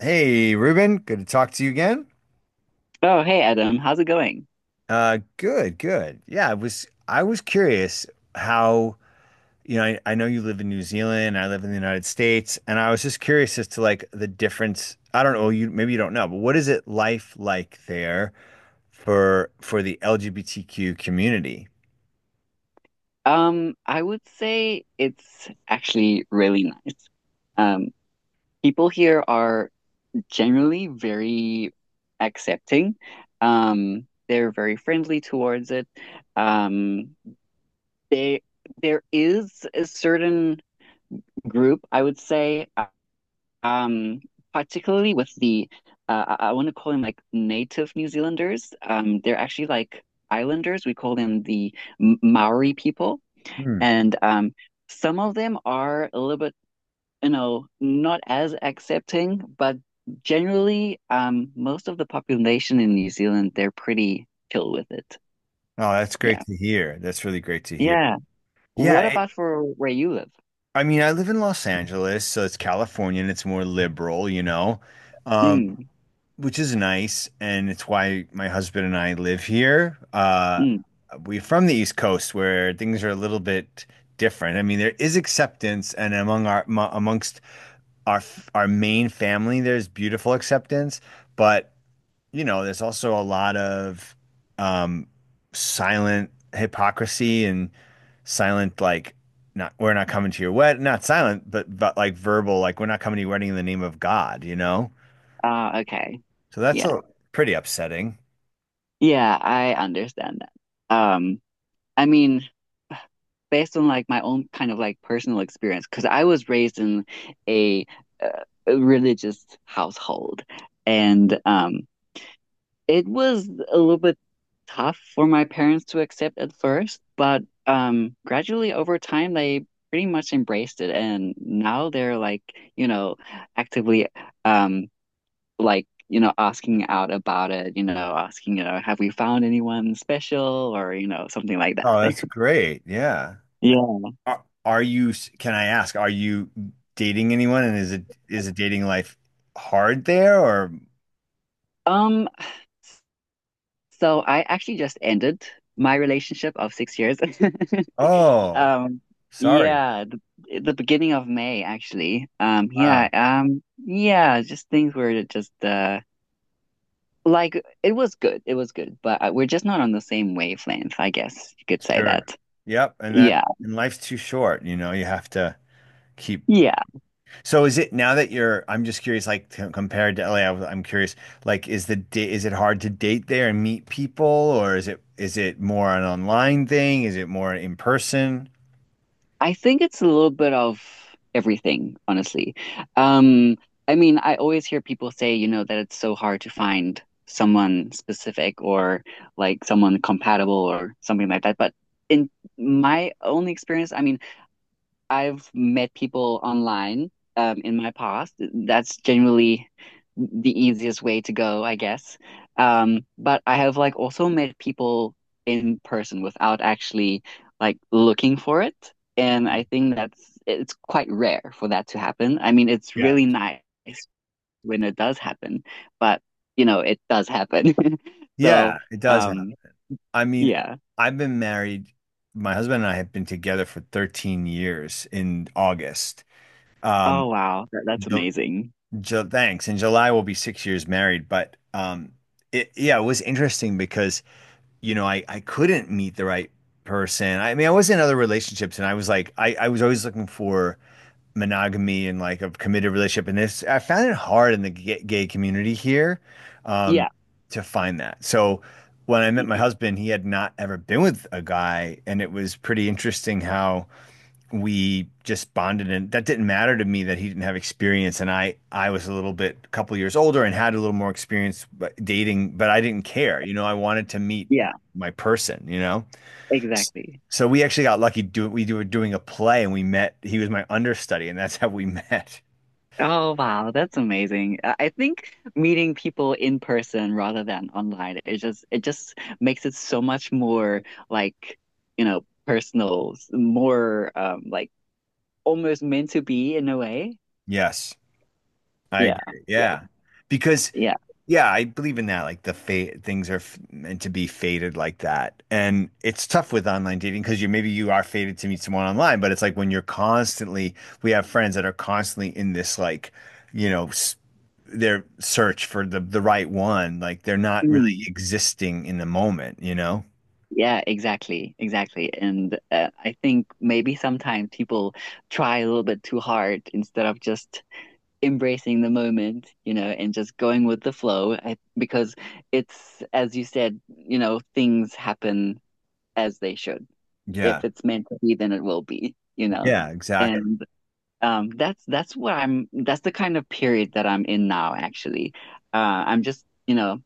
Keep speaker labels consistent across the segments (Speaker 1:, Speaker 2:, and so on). Speaker 1: Hey, Ruben, good to talk to you again.
Speaker 2: Oh, hey Adam, how's it going?
Speaker 1: Good, good. Yeah, I was curious how, you know, I know you live in New Zealand, I live in the United States, and I was just curious as to like the difference. I don't know, you maybe you don't know, but what is it life like there for the LGBTQ community?
Speaker 2: I would say it's actually really nice. Um, People here are generally very accepting. They're very friendly towards it. Um, they There is a certain group, I would say, um, particularly with the want to call them like native New Zealanders. They're actually like islanders. We call them the Maori people.
Speaker 1: Hmm.
Speaker 2: And Some of them are a little bit, you know, not as accepting, but generally, most of the population in New Zealand, they're pretty chill with it.
Speaker 1: Oh, that's great
Speaker 2: Yeah.
Speaker 1: to hear. That's really great to hear.
Speaker 2: Yeah.
Speaker 1: Yeah,
Speaker 2: What
Speaker 1: it,
Speaker 2: about for where you live?
Speaker 1: I mean, I live in Los Angeles, so it's California and it's more liberal, you know. Um,
Speaker 2: Mm,
Speaker 1: which is nice, and it's why my husband and I live here.
Speaker 2: mm.
Speaker 1: We're from the East Coast, where things are a little bit different. I mean, there is acceptance, and among our amongst our our main family, there's beautiful acceptance, but you know, there's also a lot of um, silent hypocrisy and silent like not we're not coming to your wedding. Not silent but like verbal, like we're not coming to your wedding in the name of God, you know?
Speaker 2: Ah, okay.
Speaker 1: So that's
Speaker 2: Yeah.
Speaker 1: a pretty upsetting.
Speaker 2: Yeah, I understand that. Um, I mean, based on like my own kind of like personal experience, because I was raised in a, uh, a religious household, and it was a little bit tough for my parents to accept at first, but gradually over time, they pretty much embraced it. And now they're like, you know, actively um, like, you know, asking out about it, you know, asking, you know, have we found anyone special or, you know, something like that.
Speaker 1: Oh, that's great. Yeah.
Speaker 2: Yeah.
Speaker 1: Can I ask, are you dating anyone, and is it dating life hard there or
Speaker 2: Um, So I actually just ended my relationship of 6 years.
Speaker 1: oh,
Speaker 2: Um,
Speaker 1: sorry.
Speaker 2: yeah, the beginning of May actually.
Speaker 1: Wow.
Speaker 2: Yeah, just things were just like it was good, but we're just not on the same wavelength, I guess you could say
Speaker 1: Sure.
Speaker 2: that.
Speaker 1: Yep,
Speaker 2: Yeah,
Speaker 1: and life's too short, you know, you have to keep.
Speaker 2: yeah.
Speaker 1: So is it now that you're I'm just curious like compared to LA, I'm curious like is it hard to date there and meet people, or is it more an online thing? Is it more in person?
Speaker 2: I think it's a little bit of everything, honestly. Um, I mean, I always hear people say, you know, that it's so hard to find someone specific or like someone compatible or something like that. But in my only experience, I mean, I've met people online in my past. That's generally the easiest way to go, I guess. But I have like also met people in person without actually like looking for it. And
Speaker 1: Hmm.
Speaker 2: I think that's it's quite rare for that to happen. I mean, it's
Speaker 1: Yeah.
Speaker 2: really nice when it does happen, but you know, it does happen. So,
Speaker 1: Yeah, it does.
Speaker 2: um,
Speaker 1: I mean,
Speaker 2: yeah.
Speaker 1: I've been married. My husband and I have been together for 13 years in August. Um,
Speaker 2: Oh wow, that's
Speaker 1: Ju-
Speaker 2: amazing.
Speaker 1: Thanks. In July, we'll be 6 years married. But yeah, it was interesting because, you know, I couldn't meet the right person. I mean, I was in other relationships and I was like, I was always looking for monogamy and like a committed relationship, and this I found it hard in the gay community here um
Speaker 2: Yeah,
Speaker 1: to find that. So when I met
Speaker 2: yeah,
Speaker 1: my husband, he had not ever been with a guy, and it was pretty interesting how we just bonded, and that didn't matter to me that he didn't have experience. And i was a little bit a couple years older and had a little more experience dating, but I didn't care, you know, I wanted to meet
Speaker 2: Yeah.
Speaker 1: my person, you know,
Speaker 2: exactly.
Speaker 1: so we actually got lucky. Do we were doing a play, and we met. He was my understudy, and that's how we met.
Speaker 2: Oh, wow, that's amazing. I think meeting people in person rather than online, it just makes it so much more like, you know, personal, more like almost meant to be in a way.
Speaker 1: Yes, I
Speaker 2: Yeah.
Speaker 1: agree.
Speaker 2: Yeah.
Speaker 1: Yeah, because
Speaker 2: Yeah.
Speaker 1: yeah, I believe in that. Like the fate, things are f meant to be fated like that, and it's tough with online dating because you maybe you are fated to meet someone online, but it's like when you're constantly. We have friends that are constantly in this like, you know, s their search for the right one. Like they're not really
Speaker 2: Mm.
Speaker 1: existing in the moment, you know?
Speaker 2: Yeah, exactly. Exactly. And I think maybe sometimes people try a little bit too hard instead of just embracing the moment, you know, and just going with the flow because it's, as you said, you know, things happen as they should.
Speaker 1: Yeah.
Speaker 2: If it's meant to be, then it will be, you know.
Speaker 1: Yeah, exactly.
Speaker 2: And That's what I'm. That's the kind of period that I'm in now. Actually, I'm just you know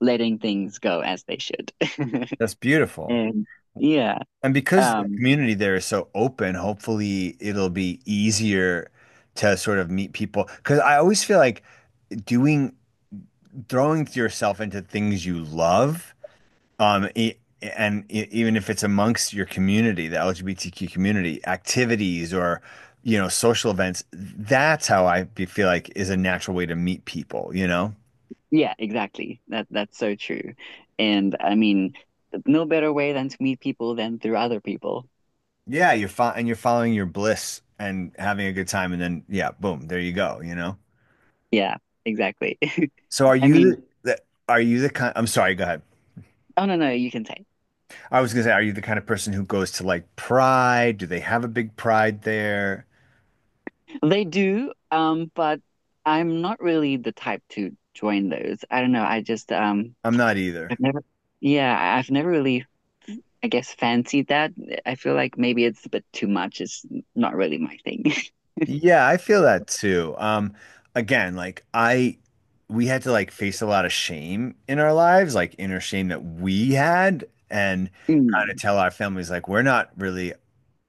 Speaker 2: letting things go as they should.
Speaker 1: That's beautiful.
Speaker 2: And yeah,
Speaker 1: And because the
Speaker 2: um,
Speaker 1: community there is so open, hopefully it'll be easier to sort of meet people. Because I always feel like doing, throwing yourself into things you love, um, e- and even if it's amongst your community, the LGBTQ community, activities or, you know, social events, that's how I feel like is a natural way to meet people, you know?
Speaker 2: yeah, exactly. That's so true. And I mean, no better way than to meet people than through other people.
Speaker 1: Yeah, you're fo and you're following your bliss and having a good time, and then yeah, boom, there you go, you know?
Speaker 2: Yeah, exactly.
Speaker 1: So are
Speaker 2: I
Speaker 1: you
Speaker 2: mean,
Speaker 1: are you the kind, I'm sorry, go ahead.
Speaker 2: oh no, no, you can say
Speaker 1: I was gonna say, are you the kind of person who goes to like Pride? Do they have a big Pride there?
Speaker 2: they do. But I'm not really the type to join those. I don't know.
Speaker 1: I'm not either.
Speaker 2: I've never. Yeah, I've never really, I guess, fancied that. I feel like maybe it's a bit too much. It's not really my thing.
Speaker 1: Yeah, I feel that too. Again, we had to like face a lot of shame in our lives, like inner shame that we had, and kind of
Speaker 2: Mm.
Speaker 1: tell our families like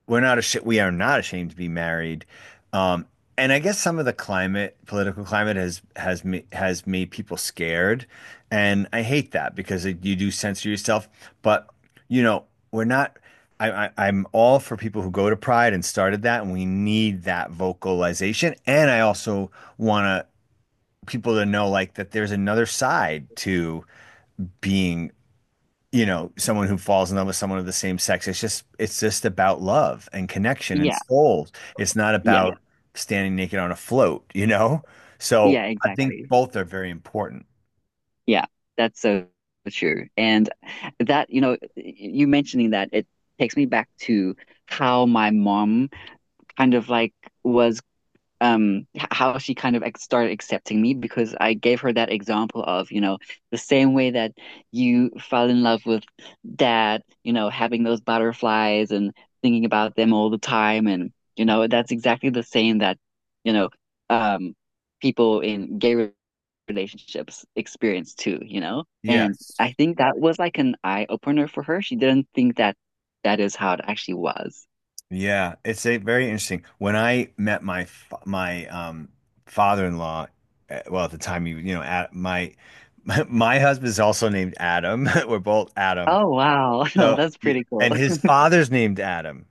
Speaker 1: we're not ashamed, we are not ashamed to be married. Um, and I guess some of the climate, political climate has made people scared, and I hate that because it, you do censor yourself. But you know, we're not. I'm all for people who go to Pride and started that, and we need that vocalization. And I also want to people to know like that there's another side to being, you know, someone who falls in love with someone of the same sex. It's just about love and connection and
Speaker 2: Yeah,
Speaker 1: souls. It's not yeah
Speaker 2: yeah,
Speaker 1: about standing naked on a float, you know? So
Speaker 2: yeah,
Speaker 1: I think
Speaker 2: exactly.
Speaker 1: both are very important.
Speaker 2: Yeah, that's so true. And that, you know, you mentioning that, it takes me back to how my mom kind of like was how she kind of started accepting me because I gave her that example of, you know, the same way that you fell in love with dad, you know, having those butterflies and thinking about them all the time and you know, that's exactly the same that, you know, um people in relationships experience too, you know? And
Speaker 1: Yes.
Speaker 2: I think that was like an eye opener for her. She didn't think that that is how it actually was.
Speaker 1: Yeah, it's a very interesting. When I met my father-in-law, well, at the time you know, at my my husband's also named Adam. We're both Adam.
Speaker 2: Oh wow. Well,
Speaker 1: So,
Speaker 2: that's
Speaker 1: yeah,
Speaker 2: pretty cool.
Speaker 1: and his father's named Adam.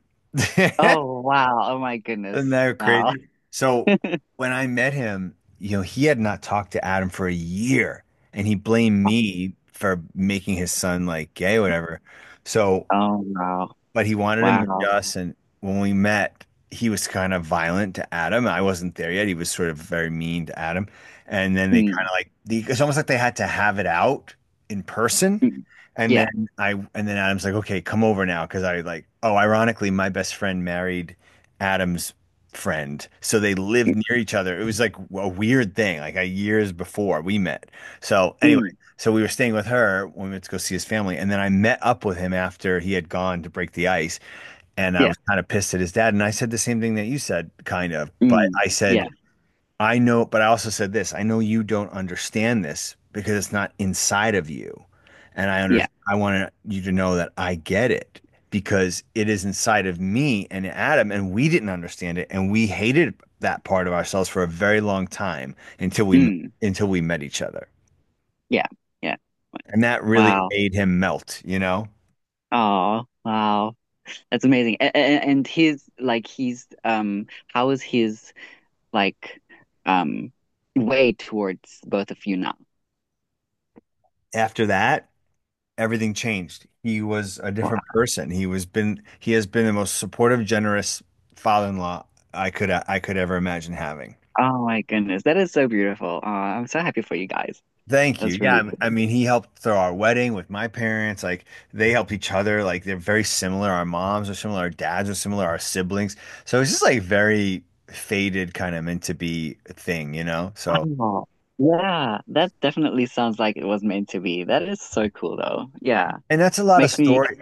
Speaker 2: Oh wow. Oh my
Speaker 1: Isn't
Speaker 2: goodness.
Speaker 1: that
Speaker 2: Wow.
Speaker 1: crazy? So when I met him, you know, he had not talked to Adam for a year, and he blamed me for making his son like gay or whatever. So
Speaker 2: Oh wow.
Speaker 1: but he wanted to meet
Speaker 2: Wow.
Speaker 1: us. And when we met, he was kind of violent to Adam. I wasn't there yet. He was sort of very mean to Adam. And then they kind
Speaker 2: Mm,
Speaker 1: of like it's almost like they had to have it out in person.
Speaker 2: mm,
Speaker 1: And
Speaker 2: yeah.
Speaker 1: then I and then Adam's like, okay, come over now, because I like oh, ironically, my best friend married Adam's friend, so they lived
Speaker 2: Mm,
Speaker 1: near each other. It was like a weird thing, like a years before we met. So anyway.
Speaker 2: mm,
Speaker 1: So we were staying with her when we went to go see his family. And then I met up with him after he had gone to break the ice. And I
Speaker 2: yeah.
Speaker 1: was kind of pissed at his dad. And I said the same thing that you said, kind of. But
Speaker 2: Mm,
Speaker 1: I
Speaker 2: yeah.
Speaker 1: said, I know, but I also said this I know you don't understand this because it's not inside of you. And
Speaker 2: Yeah.
Speaker 1: I want you to know that I get it because it is inside of me and Adam. And we didn't understand it. And we hated that part of ourselves for a very long time
Speaker 2: Mm,
Speaker 1: until we met each other.
Speaker 2: yeah. Yeah.
Speaker 1: And that really
Speaker 2: Wow.
Speaker 1: made him melt, you know?
Speaker 2: Oh wow. That's amazing. And his like he's how is his like um way towards both of you now?
Speaker 1: After that, everything changed. He was a
Speaker 2: Wow.
Speaker 1: different person. He has been the most supportive, generous father-in-law I could ever imagine having.
Speaker 2: Oh my goodness. That is so beautiful. Oh, I'm so happy for you guys.
Speaker 1: Thank you.
Speaker 2: That's really
Speaker 1: Yeah, I
Speaker 2: cool.
Speaker 1: mean, he helped throw our wedding with my parents. Like they helped each other. Like they're very similar. Our moms are similar. Our dads are similar. Our siblings. So it's just like very faded kind of meant to be thing, you know? So,
Speaker 2: Oh, yeah, that definitely sounds like it was meant to be. That is so cool, though. Yeah,
Speaker 1: and that's a lot of
Speaker 2: makes me,
Speaker 1: story.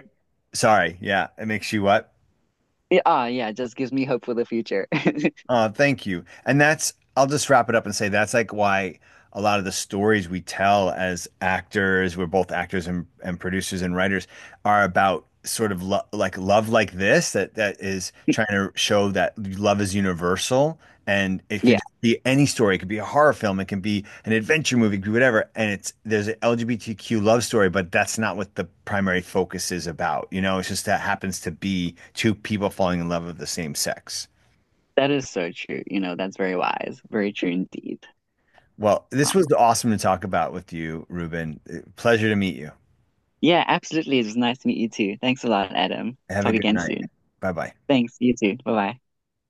Speaker 1: Sorry. Yeah, it makes you what?
Speaker 2: yeah, ah, Yeah, just gives me hope for the future.
Speaker 1: Oh, thank you. And that's, I'll just wrap it up and say that's like why a lot of the stories we tell as actors, we're both actors and producers and writers, are about sort of lo like love like this that is trying to show that love is universal, and it could
Speaker 2: Yeah,
Speaker 1: be any story. It could be a horror film, it can be an adventure movie, it could be whatever. And it's there's an LGBTQ love story, but that's not what the primary focus is about. You know, it's just that happens to be two people falling in love of the same sex.
Speaker 2: that is so true. You know, that's very wise, very true indeed.
Speaker 1: Well, this was
Speaker 2: Wow.
Speaker 1: awesome to talk about with you, Ruben. Pleasure to meet you.
Speaker 2: Yeah, absolutely. It was nice to meet you too. Thanks a lot, Adam.
Speaker 1: Have a
Speaker 2: Talk
Speaker 1: good
Speaker 2: again
Speaker 1: night.
Speaker 2: soon.
Speaker 1: Bye bye.
Speaker 2: Thanks, you too. Bye bye.